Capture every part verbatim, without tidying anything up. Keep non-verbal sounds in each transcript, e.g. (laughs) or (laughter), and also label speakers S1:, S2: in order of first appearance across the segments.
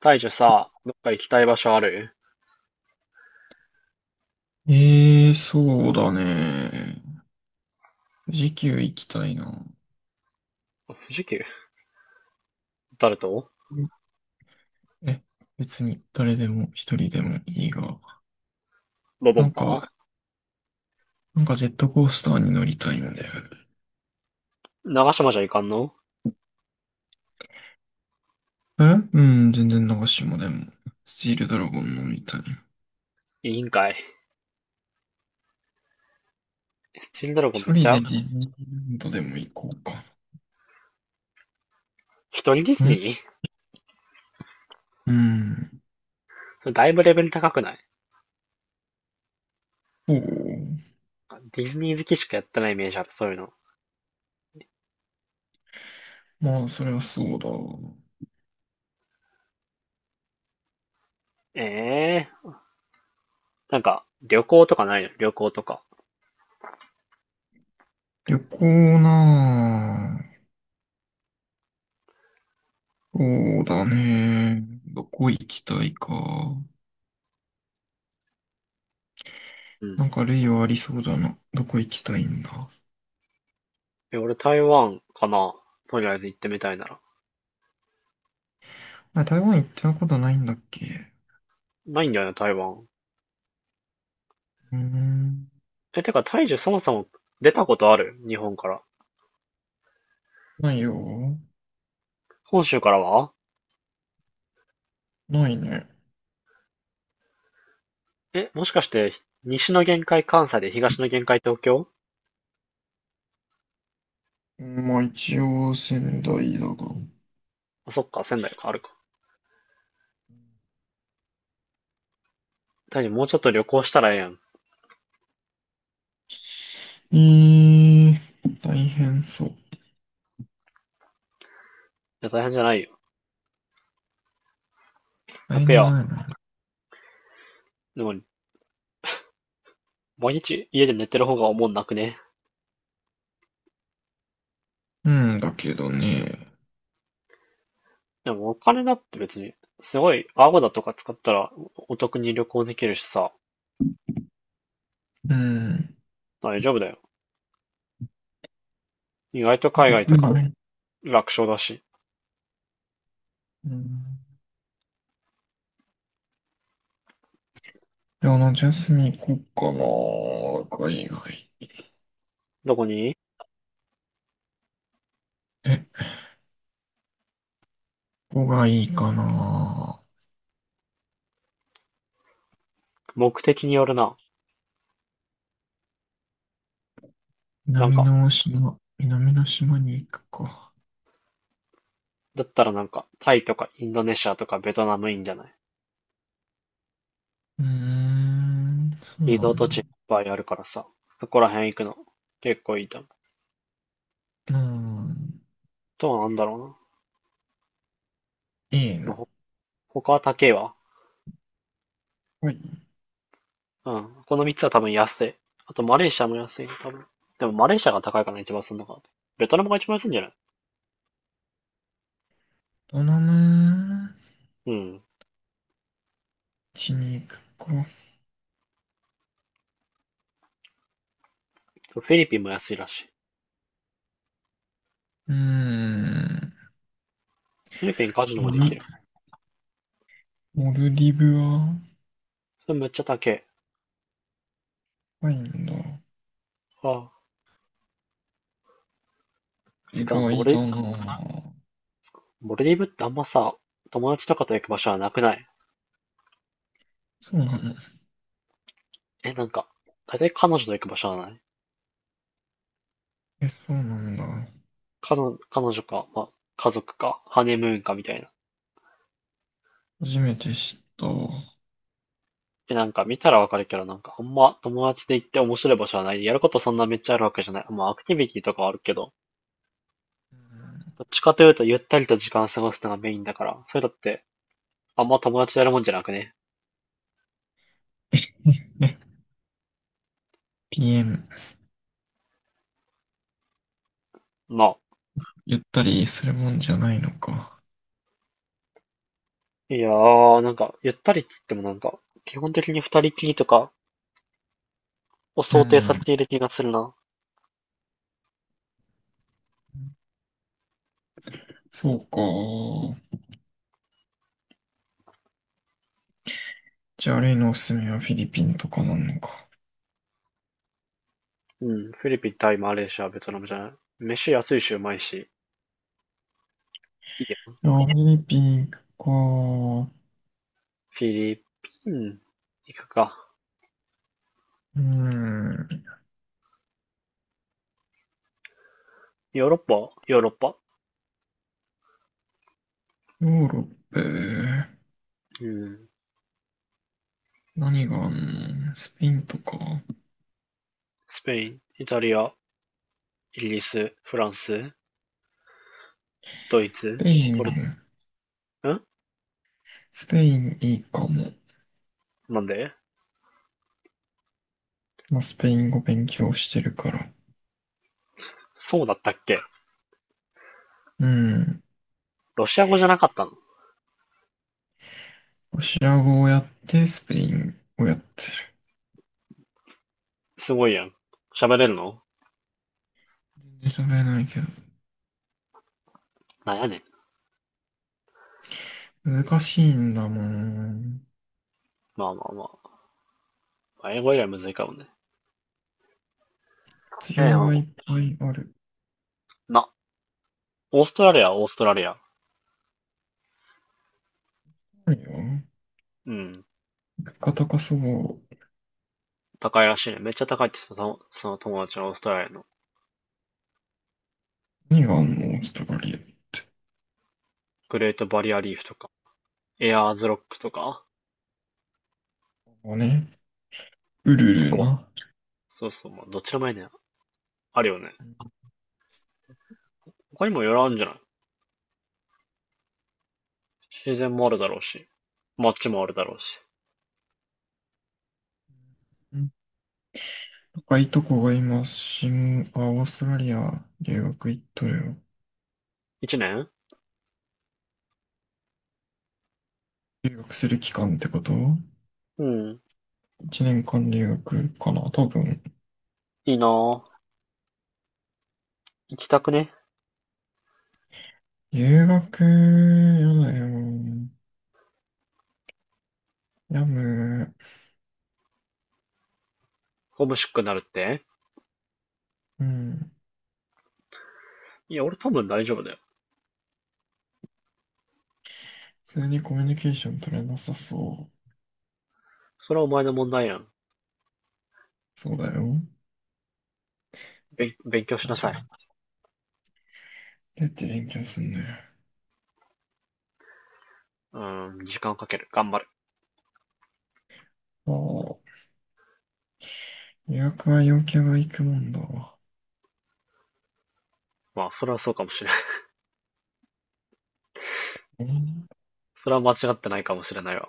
S1: 大樹さ、どっか行きたい場所ある？
S2: ええ、そうだね。富士急行きたいな。
S1: 富士急。誰と？
S2: え、別に誰でも一人でもいいが。
S1: ロボ
S2: な
S1: ン
S2: ん
S1: パ。
S2: か、なんかジェットコースターに乗りたいんだよ。
S1: 長島じゃいかんの？
S2: えうん、全然長島でも。スチールドラゴン乗りたい。
S1: いいんかい。スチールドラゴンめ
S2: 一
S1: っち
S2: 人で
S1: ゃ。
S2: ディズニーランドでも行こうか。
S1: 一人ディ
S2: う
S1: ズニ
S2: ん
S1: ー？
S2: うん。
S1: だいぶレベル高くない？
S2: そう。
S1: ディズニー好きしかやってないイメージある、そういうの。
S2: まあ、それはそうだ。
S1: ええー、なんか、旅行とかないの？旅行とか。
S2: 旅行なあ、そうだね。どこ行きたいか。
S1: う
S2: な
S1: ん。
S2: んか類はありそうだな。どこ行きたいんだ。
S1: え、俺台湾かな。とりあえず行ってみたいなら。
S2: あ、台湾行ったことないんだっけ？
S1: ないんだよね、台湾。
S2: うーん。
S1: え、てか、大樹そもそも出たことある日本から？
S2: ないよ。
S1: 本州からは？
S2: ないね。
S1: え、もしかして、西の限界関西で東の限界東京？
S2: まあ一応仙台だが。
S1: あ、そっか、仙台か、あるか。単にもうちょっと旅行したらええやん。い
S2: えー、大変そう。
S1: や、大変じゃないよ。
S2: 大変
S1: 楽
S2: じゃ
S1: やわ。
S2: ないな。
S1: でも、毎日家で寝てる方がおもんなくね？
S2: うんだけどね。
S1: でも、お金だって別に、すごい、アゴだとか使ったらお得に旅行できるしさ、
S2: うん。
S1: 大丈夫だよ。意外と海外と
S2: 僕
S1: か、
S2: がね。
S1: 楽勝だし。
S2: うん。でもあの、ジャスミン行こっかな。海外。
S1: どこに？
S2: え、ここがいいかな。
S1: 目的によるな。なん
S2: 南
S1: か、
S2: の島、南の島に行くか。
S1: だったらなんか、タイとかインドネシアとかベトナムいいんじゃない？
S2: うーん、そう
S1: リ
S2: な
S1: ゾート地いっ
S2: ん
S1: ぱいあるからさ、そこら辺行くの、結構いいと思う。
S2: だ。うん、
S1: とはなんだろうな。
S2: いい
S1: まあ、
S2: な。
S1: ほ他は高えわ。
S2: はい。
S1: うん。このみっつは多分安い。あとマレーシアも安いね、多分。でもマレーシアが高いかな、一番すんのかな。ベトナムが一番安いんじゃない？
S2: どナな
S1: うん。
S2: ちに行くか。
S1: フィリピンも安いらしい。
S2: うーん、
S1: フィリピンカジノも
S2: モ
S1: でき
S2: ル、
S1: る。
S2: モルディブは、
S1: それめっちゃ高い。
S2: 高いんだ。
S1: ああ。て
S2: 意
S1: か、モ
S2: 外
S1: レ、
S2: だなぁ。
S1: モレディブってあんまさ、友達とかと行く場所はなくない？
S2: そうなの。
S1: え、なんか、大体彼女と行く場所はない？
S2: え、そうなんだ。
S1: 彼女、彼女か、まあ、家族か、ハネムーンかみたいな。
S2: 初めて知ったわ。
S1: え、なんか見たらわかるけど、なんかあんま友達で行って面白い場所はない。やることそんなめっちゃあるわけじゃない。まあ、アクティビティとかはあるけど、
S2: うん。
S1: どっちかというとゆったりと時間を過ごすのがメインだから、そういうのってあんま友達とやるもんじゃなくね。
S2: (laughs) ピーエム、ピーエム、
S1: ま
S2: ゆったりするもんじゃないのか。
S1: あ、いやー、なんか、ゆったりっつってもなんか、基本的に二人きりとかを
S2: う
S1: 想定され
S2: ん、
S1: ている気がするな。
S2: そうか。じゃあ、例のおすすめはフィリピンとかなのか。
S1: うん、フィリピン、タイ、マレーシア、ベトナムじゃない。飯安いしうまいし、いいよ。
S2: あ、フィリピンか。う
S1: フィリピン、行くか。
S2: ん。
S1: ヨーロッパ、ヨーロッパ。
S2: ヨーロッパ、
S1: うん、
S2: 何があんの？スペインとか。
S1: スペイン、イタリア、イギリス、フランス、ドイツ。
S2: スペイ
S1: ポ
S2: ン、
S1: ル、ん
S2: スペインいいかも。
S1: なんで？
S2: まあ、スペイン語勉強してるから。
S1: そうだったっけ？
S2: うん。
S1: ロシア語じゃなかったの？
S2: ロシア語をやって、スペインをやってる。
S1: すごいやん。喋れるの？
S2: 全然喋れないけど。
S1: なんやねん。
S2: 難しいんだもん。
S1: まあまあまあ。英語以外むずいかもね。
S2: 必
S1: え
S2: 要
S1: え
S2: がい
S1: ほ
S2: っぱいある。
S1: んな、オーストラリアはオーストラリア。
S2: ないよ。
S1: うん。
S2: 物価高そう。
S1: 高いらしいね。めっちゃ高いって言ってたその、その友達のオーストラリアの。
S2: 何があんの？オーストラリア。
S1: グレートバリアリーフとか、エアーズロックとか、
S2: ここね。ウル
S1: 結
S2: ル
S1: 構、
S2: な。
S1: そうそう、まあ、どっちらもいいね。あるよね。他にもいろいろあるんじゃない？自然もあるだろうし、街もあるだろうし。
S2: 若いとこが今、新、あ、オーストラリア留学行っとるよ。
S1: 一年？
S2: 留学する期間ってこと？
S1: うん。
S2: いちねんかん留学かな多分。
S1: いいなぁ。行きたくね？
S2: 留学、やだよ。やむ。
S1: ホームシックになるって？
S2: うん。普
S1: いや、俺多分大丈夫だよ。
S2: 通にコミュニケーション取れなさそ
S1: それはお前の問題やん。
S2: う。そうだよ。
S1: べん勉強し
S2: あ、
S1: な
S2: じ
S1: さ
S2: ゃあ、
S1: い。
S2: どうやって勉強すんのよ。
S1: うーん、時間をかける。頑張る。
S2: ああ、留学は陽キャが行くもんだわ。
S1: まあ、それはそうかもしれない。
S2: うん。
S1: (laughs) それは間違ってないかもしれないわ。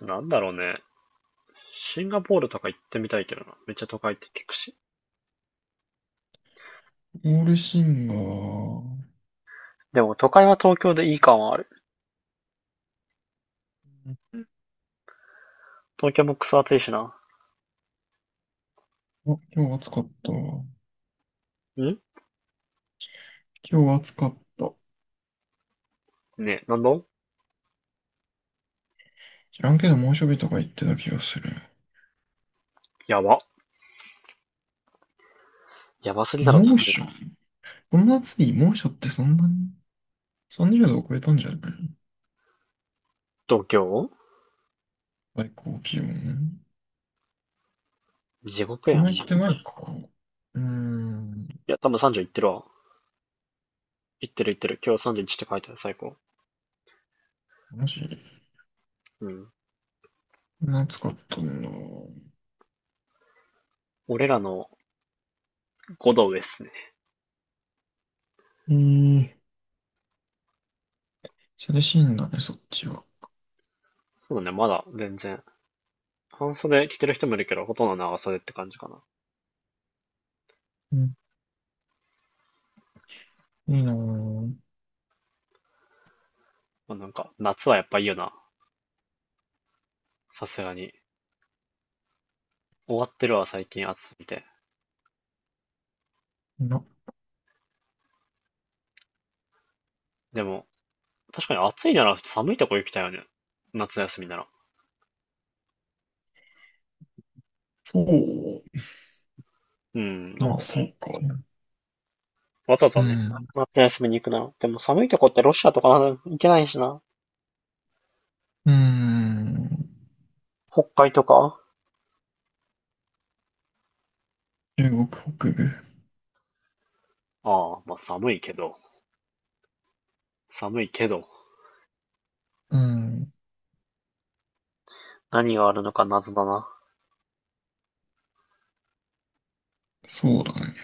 S1: なんだろうね。シンガポールとか行ってみたいけどな。めっちゃ都会って聞くし。
S2: オールシンガー。
S1: でも都会は東京でいい感はある。東京もクソ暑いしな。
S2: あ、今日暑かったわ。
S1: ん。
S2: 今日暑かった。
S1: ねえ、なんだ？
S2: 知らんけど猛暑日とか言ってた気がする。
S1: やば。やばすぎだろ。
S2: 猛暑、この夏に猛暑ってそんなに？ さんじゅう 度を超えたんじゃない？
S1: 東京？
S2: 最高気温。
S1: 地獄
S2: こ
S1: や
S2: の
S1: ん、
S2: 言っ
S1: もう。
S2: て
S1: い
S2: ないか。うーん。
S1: や、多分さんじゅう行ってるわ。行ってる行ってる。今日さんじゅういちって書いてある、最高。
S2: マジ
S1: うん。
S2: 暑かったんだ。
S1: 俺らのごど上っすね。
S2: えー、涼しいんだね、そっちは。
S1: そうだね、まだ全然。半袖着てる人もいるけど、ほとんど長袖って感じかな。
S2: うん、いいなぁ。
S1: まあ、なんか、夏はやっぱいいよな。さすがに。終わってるわ、最近暑すぎて。
S2: な、
S1: でも、確かに暑いなら寒いとこ行きたいよね。夏休みなら。
S2: そう。
S1: うん、なん
S2: まあ、
S1: か、
S2: そうか。
S1: わざわ
S2: う
S1: ざね。
S2: ん。
S1: 夏休みに行くなら。でも寒いとこってロシアとかなんか行けないしな。
S2: うーん。
S1: 北海とか。
S2: 中国北部。
S1: ああ、まあ寒いけど、寒いけど、
S2: うん。
S1: 何があるのか謎だな。
S2: そうだね。